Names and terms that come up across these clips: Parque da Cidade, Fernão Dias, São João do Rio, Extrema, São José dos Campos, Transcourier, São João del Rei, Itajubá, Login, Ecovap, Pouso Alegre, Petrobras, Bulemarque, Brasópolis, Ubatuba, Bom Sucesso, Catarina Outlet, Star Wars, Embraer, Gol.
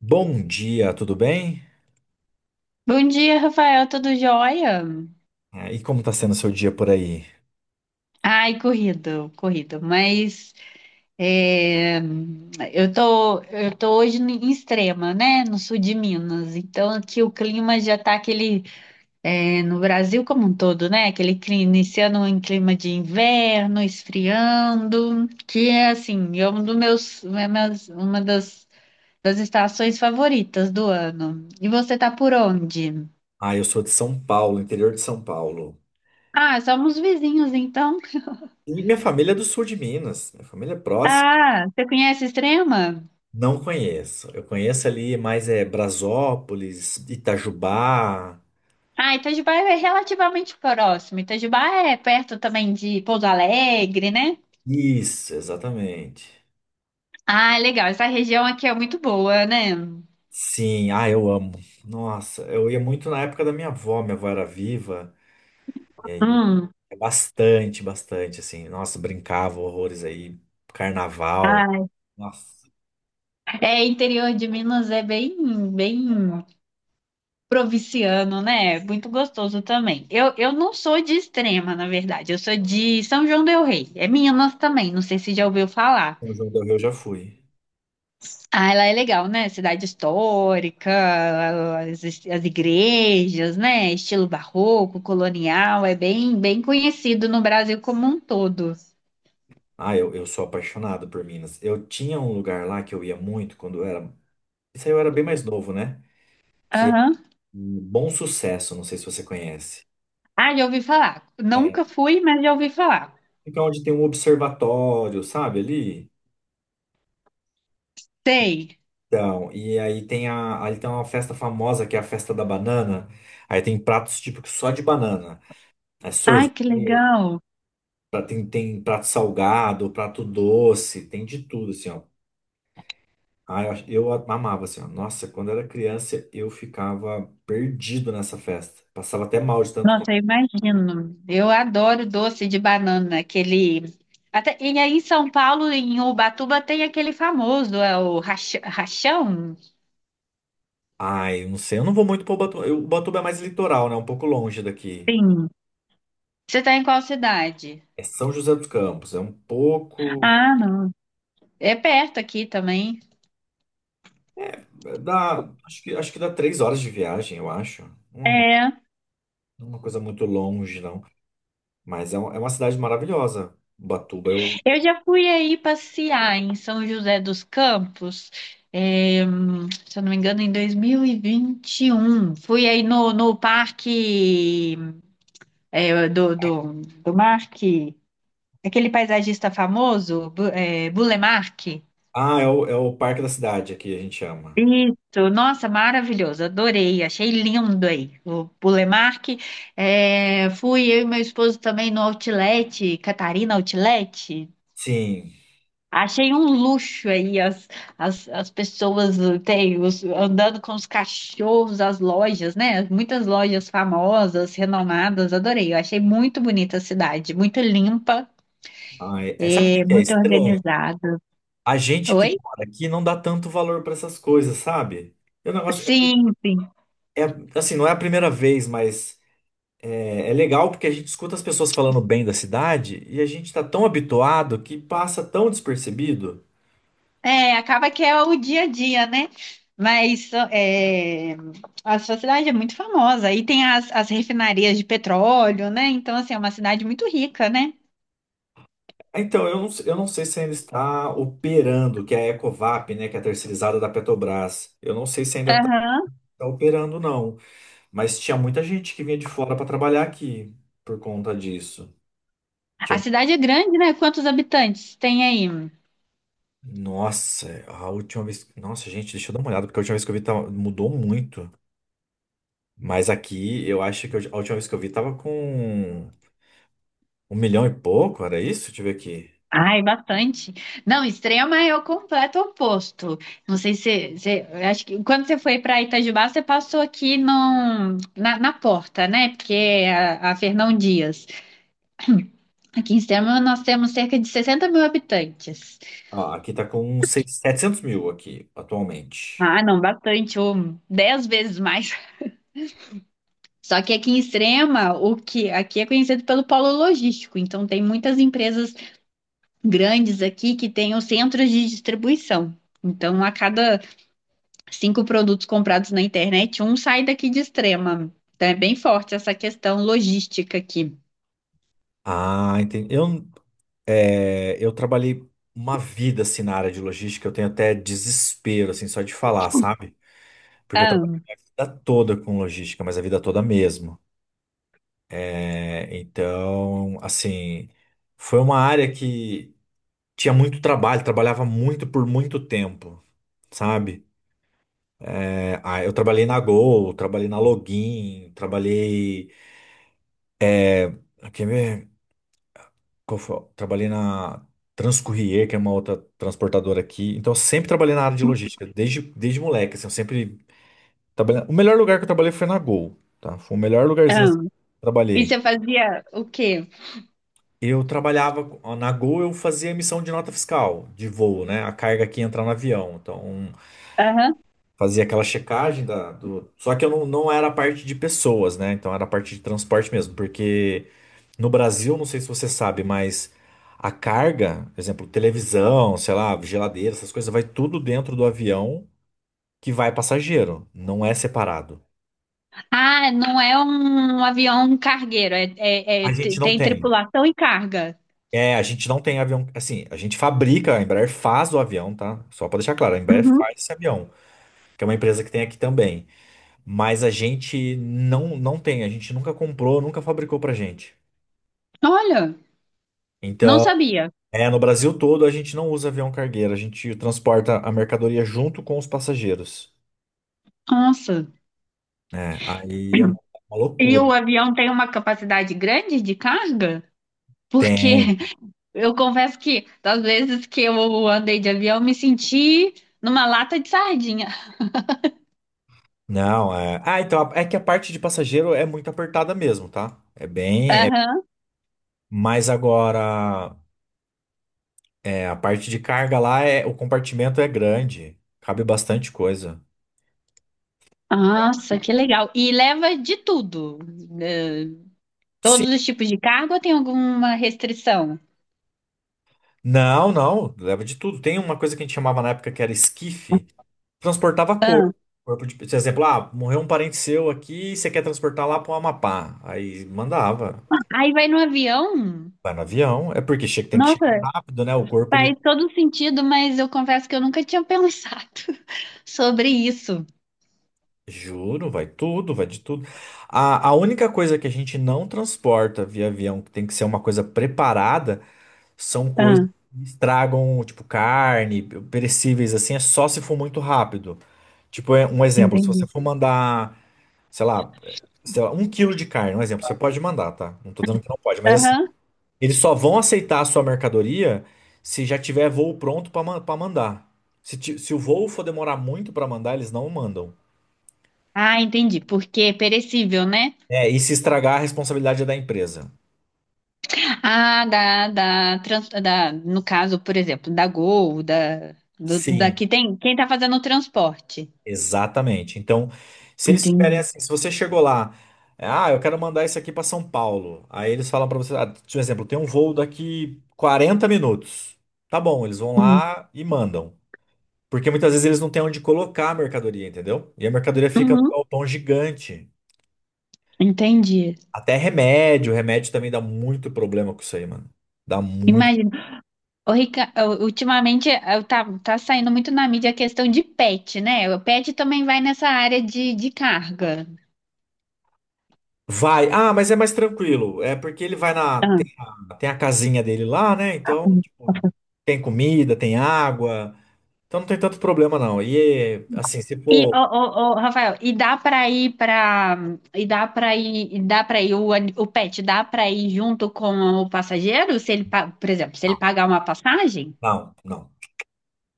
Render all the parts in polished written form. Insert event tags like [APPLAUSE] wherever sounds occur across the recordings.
Bom dia, tudo bem? Bom dia, Rafael, tudo jóia? É, e como está sendo o seu dia por aí? Ai, corrido, corrido, mas é, eu tô hoje em Extrema, né, no sul de Minas, então aqui o clima já tá aquele, no Brasil como um todo, né, aquele clima, iniciando em clima de inverno, esfriando, que é assim, é um dos meus, é meus- uma das estações favoritas do ano. E você tá por onde? Ah, eu sou de São Paulo, interior de São Paulo. Ah, somos vizinhos, então. E minha família é do sul de Minas, minha família é próxima. Ah, você conhece Extrema? Não conheço. Eu conheço ali mais é Brasópolis, Itajubá. Ah, Itajubá é relativamente próximo. Itajubá é perto também de Pouso Alegre, né? Isso, exatamente. Ah, legal. Essa região aqui é muito boa, né? Sim, ah, eu amo. Nossa, eu ia muito na época da minha avó era viva. E aí, eu- Hum. É bastante, bastante, assim. Nossa, brincava horrores aí. Carnaval. Ah, Nossa, é interior de Minas é bem, bem provinciano, né? Muito gostoso também. Eu não sou de Extrema, na verdade. Eu sou de São João del Rei. É Minas também. Não sei se já ouviu falar. São João do Rio eu já fui. Ah, ela é legal, né? Cidade histórica, as igrejas, né? Estilo barroco, colonial, é bem, bem conhecido no Brasil como um todo. Ah, eu sou apaixonado por Minas. Eu tinha um lugar lá que eu ia muito quando eu era. Isso aí eu era bem mais novo, né? Que é Aham. um Bom Sucesso, não sei se você conhece. Ah, já ouvi falar. É, Nunca fui, mas já ouvi falar. fica onde tem um observatório, sabe, ali? Sei. Então, e aí ali tem uma festa famosa que é a festa da banana. Aí tem pratos típicos só de banana. É Ai, que sorvete, legal. Tem prato salgado, prato doce, tem de tudo, assim, ó. Ah, eu amava, assim, ó. Nossa, quando eu era criança, eu ficava perdido nessa festa. Passava até mal de tanto comer. Nossa, eu imagino. Eu adoro doce de banana, aquele. E aí em São Paulo, em Ubatuba, tem aquele famoso, é o rachão? Ai, eu não sei, eu não vou muito pro Ubatuba. Ubatuba é mais litoral, né? É um pouco longe daqui. Sim. Você está em qual cidade? É São José dos Campos, é um pouco... Ah, não. É perto aqui também. Dá, acho que dá 3 horas de viagem, eu acho. Não é uma, não é uma coisa muito longe, não. Mas é uma cidade maravilhosa, Ubatuba. Eu, Eu já fui aí passear em São José dos Campos, se eu não me engano, em 2021. Fui aí no parque do Marque, aquele paisagista famoso, Bulemarque. ah, é o Parque da Cidade aqui, a gente chama. Isso, nossa, maravilhoso, adorei, achei lindo aí o Bulemarque. É, fui eu e meu esposo também no Outlet, Catarina Outlet. Sim. Achei um luxo aí as pessoas andando com os cachorros, as lojas, né? Muitas lojas famosas, renomadas, adorei. Eu achei muito bonita a cidade, muito limpa, Ai, sabe o que que é muito estranho? organizada. A gente que Oi? mora aqui não dá tanto valor para essas coisas, sabe? E o negócio Sim, sim. Assim, não é a primeira vez, mas é legal porque a gente escuta as pessoas falando bem da cidade e a gente está tão habituado que passa tão despercebido. É, acaba que é o dia a dia, né? Mas a sua cidade é muito famosa. E tem as refinarias de petróleo, né? Então, assim, é uma cidade muito rica, né? Então, eu não sei se ainda está operando, que é a Ecovap, né, que é a terceirizada da Petrobras. Eu não sei se ainda está Aham. operando, não. Mas tinha muita gente que vinha de fora para trabalhar aqui por conta disso. A cidade é grande, né? Quantos habitantes tem aí? Nossa, a última vez. Nossa, gente, deixa eu dar uma olhada, porque a última vez que eu vi tava... mudou muito. Mas aqui, eu acho que eu- a última vez que eu vi tava com 1 milhão e pouco, era isso? Deixa eu ver aqui. Ai, bastante. Não, Extrema é o completo oposto. Não sei eu acho que quando você foi para Itajubá, você passou aqui na porta, né? Porque é a Fernão Dias. Aqui em Extrema nós temos cerca de 60 mil habitantes. Ó, aqui tá com 700 mil aqui, atualmente. Ah, não, bastante, ou 10 vezes mais. Só que aqui em Extrema, o que aqui é conhecido pelo polo logístico, então tem muitas empresas grandes aqui que tenham centros de distribuição. Então, a cada cinco produtos comprados na internet, um sai daqui de Extrema. Então, é bem forte essa questão logística aqui. Ah, entendi. Eu trabalhei uma vida assim na área de logística, eu tenho até desespero, assim, só de falar, sabe? Porque eu trabalhei Ah, a vida toda com logística, mas a vida toda mesmo. É, então, assim, foi uma área que tinha muito trabalho, trabalhava muito por muito tempo, sabe? É, ah, eu trabalhei na Gol, trabalhei na Login, trabalhei. Ah, quer ver? Qual foi? Trabalhei na Transcourier, que é uma outra transportadora aqui. Então, eu sempre trabalhei na área de logística, desde moleque, assim, eu sempre trabalhei. O melhor lugar que eu trabalhei foi na Gol, tá? Foi o melhor lugarzinho ah. assim, que eu E trabalhei. você fazia o quê? Eu trabalhava na Gol, eu fazia emissão de nota fiscal de voo, né? A carga que entra no avião. Então, Aham. fazia aquela checagem da, do. Só que eu não, não era a parte de pessoas, né? Então, era a parte de transporte mesmo. Porque no Brasil, não sei se você sabe, mas a carga, por exemplo, televisão, sei lá, geladeira, essas coisas, vai tudo dentro do avião que vai passageiro. Não é separado. Ah, não é um avião cargueiro, A gente não tem tem. tripulação e carga. É, a gente não tem avião. Assim, a gente fabrica, a Embraer faz o avião, tá? Só pra deixar claro, a Embraer Uhum. faz esse avião. Que é uma empresa que tem aqui também. Mas a gente não tem, a gente nunca comprou, nunca fabricou pra gente. Olha, não Então, sabia. No Brasil todo a gente não usa avião cargueiro, a gente transporta a mercadoria junto com os passageiros. Nossa. É, aí é uma E o loucura. avião tem uma capacidade grande de carga? Porque Tem. eu confesso que das vezes que eu andei de avião, eu me senti numa lata de sardinha. Não, é. Ah, então é que a parte de passageiro é muito apertada mesmo, tá? É bem. É... Aham. Mas agora, é, a parte de carga lá é o compartimento é grande, cabe bastante coisa. Nossa, que legal. E leva de tudo. eh, Todos os tipos de cargo ou tem alguma restrição? Não, não, leva de tudo. Tem uma coisa que a gente chamava na época que era esquife, transportava Ah, corpo. Corpo de, por exemplo, ah, morreu um parente seu aqui, você quer transportar lá para o Amapá. Aí mandava, aí vai no avião? vai no avião, é porque tem que chegar Nossa, rápido, né? O corpo, ele, faz todo sentido, mas eu confesso que eu nunca tinha pensado [LAUGHS] sobre isso. juro, vai tudo, vai de tudo. A única coisa que a gente não transporta via avião, que tem que ser uma coisa preparada, são coisas Ah, que estragam, tipo carne, perecíveis, assim, é só se for muito rápido. Tipo, é um exemplo, se você entendi. for mandar. sei lá, sei lá, 1 quilo de carne, um exemplo, você pode mandar, tá? Não tô dizendo que não pode, mas assim, Aham. eles só vão aceitar a sua mercadoria se já tiver voo pronto pra mandar. Se o voo for demorar muito pra mandar, eles não mandam. Ah, entendi. Porque é perecível, né? É, e se estragar, a responsabilidade é da empresa. Ah, no caso, por exemplo, da Gol, da, do, da Sim, que tem, quem tá fazendo o transporte. exatamente. Então, se eles tiverem Entendi. assim, se você chegou lá, ah, eu quero mandar isso aqui pra São Paulo. Aí eles falam pra você, ah, por exemplo, tem um voo daqui 40 minutos. Tá bom, eles vão Hum. lá e mandam. Porque muitas vezes eles não têm onde colocar a mercadoria, entendeu? E a mercadoria fica num Uhum. galpão gigante. Entendi. Até remédio, remédio também dá muito problema com isso aí, mano. Dá muito. Imagino. Ô, Rica, ô, ultimamente tá saindo muito na mídia a questão de pet, né? O pet também vai nessa área de carga. Vai. Ah, mas é mais tranquilo. É porque ele vai na. Ah, Tem, tem a casinha dele lá, né? tá Então, bom. tipo, tem comida, tem água. Então não tem tanto problema, não. E assim, se E ô, for. ô, ô, Rafael, e dá pra ir pra. e dá para ir o pet, dá pra ir junto com o passageiro, se ele, por exemplo, se ele pagar uma passagem? Não, não.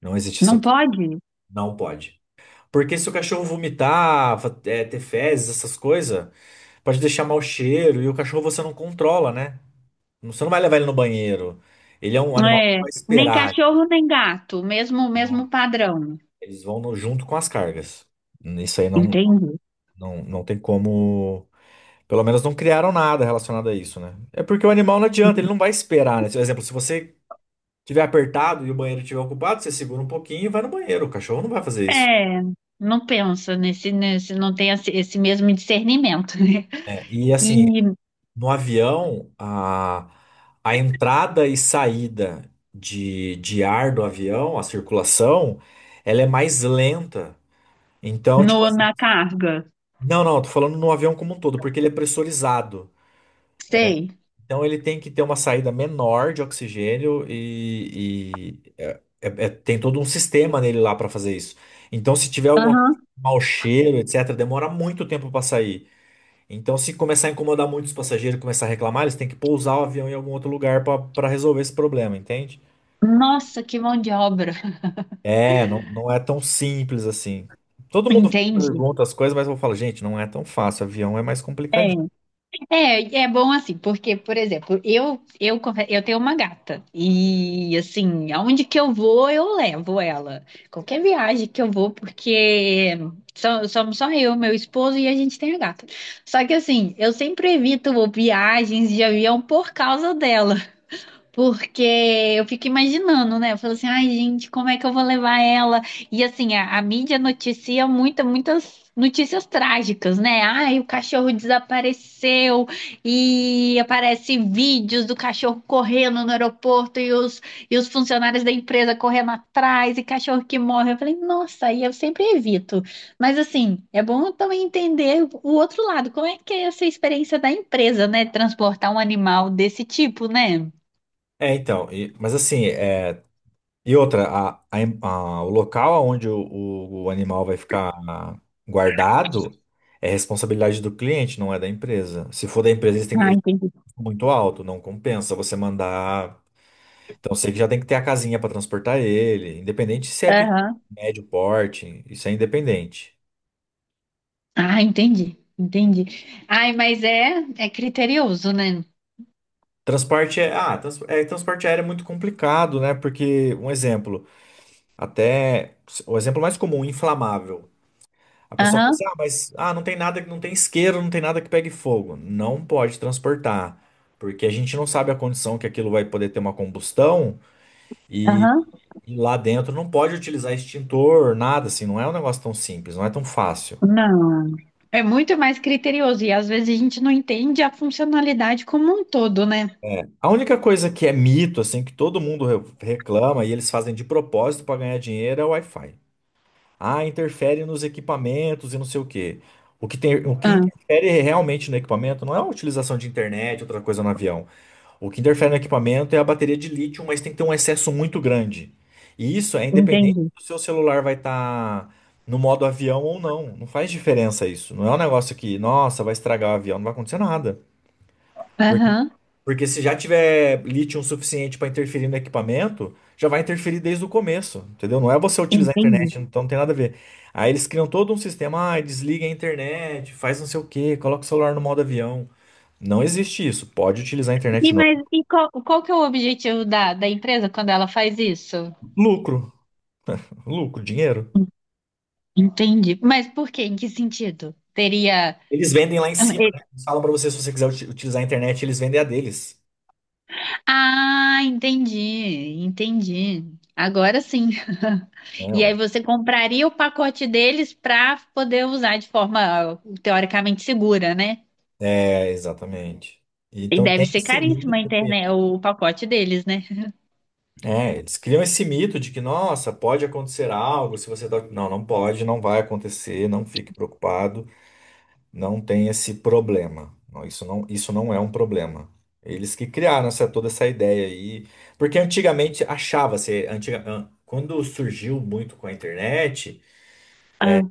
Não existe Não isso. pode? Não pode. Porque se o cachorro vomitar, é, ter fezes, essas coisas. Pode deixar mau cheiro e o cachorro você não controla, né? Você não vai levar ele no banheiro. Ele é um animal que não É, vai nem esperar. cachorro nem gato, mesmo mesmo Né? padrão. Eles vão junto com as cargas. Isso aí não, Entende? não, não tem como. Pelo menos não criaram nada relacionado a isso, né? É porque o animal não adianta, ele não vai esperar, né? Por exemplo, se você tiver apertado e o banheiro estiver ocupado, você segura um pouquinho e vai no banheiro. O cachorro não vai fazer isso. É, não pensa nesse não tem esse mesmo discernimento, né? Né? E E assim, no avião, a entrada e saída de ar do avião, a circulação, ela é mais lenta. Então, no tipo, assim, na carga. Não, tô falando no avião como um todo, porque ele é pressurizado. Sei. Então, ele tem que ter uma saída menor de oxigênio e tem todo um sistema nele lá para fazer isso. Então, se tiver algum Aham. mau cheiro, etc., demora muito tempo para sair. Então, se começar a incomodar muito os passageiros, começar a reclamar, eles têm que pousar o avião em algum outro lugar para resolver esse problema, entende? Nossa, que mão de obra. [LAUGHS] É, não, não é tão simples assim. Todo mundo Entendi. pergunta as coisas, mas eu falo, gente, não é tão fácil, avião é mais complicadinho. É, é bom assim, porque, por exemplo, eu tenho uma gata e, assim, aonde que eu vou, eu levo ela. Qualquer viagem que eu vou, porque somos só eu, meu esposo e a gente tem a gata. Só que, assim, eu sempre evito viagens de avião por causa dela. Porque eu fico imaginando, né? Eu falo assim, ai, gente, como é que eu vou levar ela? E assim, a mídia noticia muitas notícias trágicas, né? Ai, o cachorro desapareceu e aparece vídeos do cachorro correndo no aeroporto e os funcionários da empresa correndo atrás e cachorro que morre. Eu falei, nossa, aí eu sempre evito. Mas assim, é bom também entender o outro lado, como é que é essa experiência da empresa, né? Transportar um animal desse tipo, né? É, então, mas assim, é, e outra, o local onde o, o animal vai ficar guardado é responsabilidade do cliente, não é da empresa. Se for da empresa, Ah, eles entendi. têm muito alto, não compensa você mandar. Então sei que já tem que ter a casinha para transportar ele, independente se é pequeno, Aham. médio porte, isso é independente. Ah, entendi. Entendi. Ai, mas é criterioso, né? Transporte é, ah, transporte aéreo é muito complicado, né? Porque um exemplo, até o exemplo mais comum, inflamável. A pessoa fala assim: Aham, "Ah, mas ah, não tem nada, não tem isqueiro, não tem nada que pegue fogo". Não pode transportar, porque a gente não sabe a condição que aquilo vai poder ter uma combustão e aham. Lá dentro não pode utilizar extintor, nada assim, não é um negócio tão simples, não é tão fácil. Não. É muito mais criterioso. E às vezes a gente não entende a funcionalidade como um todo, né? A única coisa que é mito, assim, que todo mundo reclama e eles fazem de propósito para ganhar dinheiro é o Wi-Fi. Ah, interfere nos equipamentos e não sei o quê. O que tem, o que Ah, interfere realmente no equipamento não é a utilização de internet, outra coisa no avião. O que interfere no equipamento é a bateria de lítio, mas tem que ter um excesso muito grande. E isso é independente entendi. do seu celular vai estar no modo avião ou não. Não faz diferença isso. Não é um negócio que, nossa, vai estragar o avião, não vai acontecer nada. Aham, Porque se já tiver lítio suficiente para interferir no equipamento, já vai interferir desde o começo, entendeu? Não é você utilizar a entendi. internet, então não tem nada a ver. Aí eles criam todo um sistema, ah, desliga a internet, faz não sei o quê, coloca o celular no modo avião. Não existe isso. Pode utilizar a internet Mas normal. e qual que é o objetivo da empresa quando ela faz isso? Lucro, lucro, dinheiro. Entendi. Mas por quê? Em que sentido? Teria. Eles vendem lá em cima, né? Eles falam para você, se você quiser utilizar a internet, eles vendem a deles. Ah, entendi, entendi. Agora sim. [LAUGHS] E aí Não. você compraria o pacote deles para poder usar de forma teoricamente segura, né? É, exatamente. E Então deve tem ser esse caríssimo a mito. internet, o pacote deles, né? É, eles criam esse mito de que, nossa, pode acontecer algo se você tá... Não, não pode, não vai acontecer, não fique preocupado, não tem esse problema. Não, isso não, isso não é um problema. Eles que criaram essa, toda essa ideia aí. Porque antigamente achava-se, quando surgiu muito com a internet, Ah,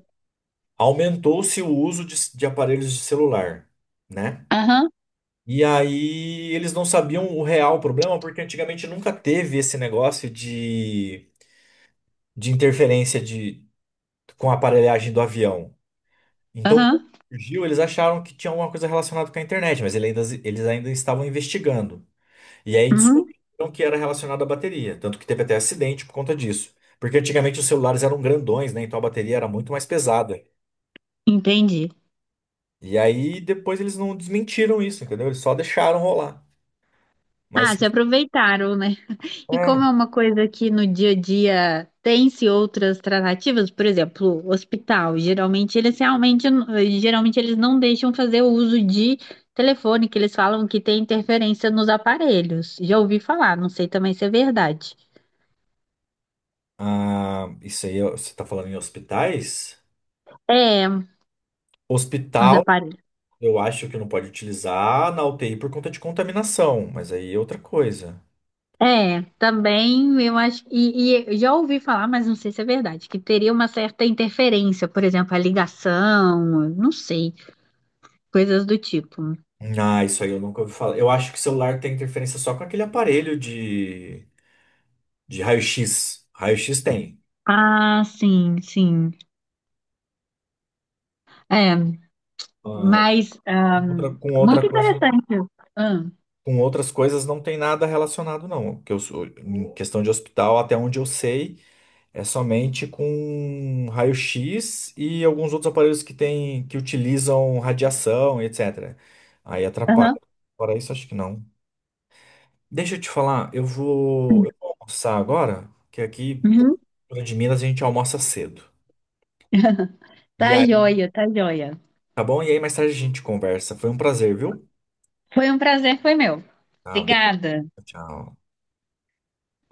aumentou-se o uso de aparelhos de celular, né? aham, E aí eles não sabiam o real problema, porque antigamente nunca teve esse negócio de interferência com a aparelhagem do avião. Então, aham, quando surgiu, eles acharam que tinha alguma coisa relacionada com a internet, mas eles ainda estavam investigando. E aí uhum, descobriram que era relacionado à bateria, tanto que teve até acidente por conta disso. Porque antigamente os celulares eram grandões, né? Então a bateria era muito mais pesada. entendi. E aí depois eles não desmentiram isso, entendeu? Eles só deixaram rolar. Ah, Mas se aproveitaram, né? E é, como é uma coisa que no dia a dia tem-se outras tratativas, por exemplo, hospital, geralmente eles não deixam fazer o uso de telefone, que eles falam que tem interferência nos aparelhos. Já ouvi falar, não sei também se é verdade. ah, isso aí ó, você tá falando em hospitais? É, os Hospital, aparelhos. eu acho que não pode utilizar na UTI por conta de contaminação, mas aí é outra coisa. É, também eu acho, e eu já ouvi falar, mas não sei se é verdade, que teria uma certa interferência, por exemplo, a ligação, não sei, coisas do tipo. Ah, isso aí eu nunca ouvi falar. Eu acho que o celular tem interferência só com aquele aparelho de raio-x. Raio-x tem. Ah, sim, sim. É. Ah, Mas outra, com muito outra coisa, interessante. Ah, com outras coisas não tem nada relacionado, não. Que eu, em questão de hospital, até onde eu sei, é somente com raio-x e alguns outros aparelhos que tem, que utilizam radiação, etc. Aí atrapalha. aham. Fora isso, acho que não. Deixa eu te falar, eu vou almoçar agora, que aqui, pô, Uhum. fora de Minas, a gente almoça cedo. E Tá aí, joia, tá joia. tá bom? E aí mais tarde a gente conversa. Foi um prazer, viu? Foi um prazer, foi meu. Tá bem, Obrigada. tchau.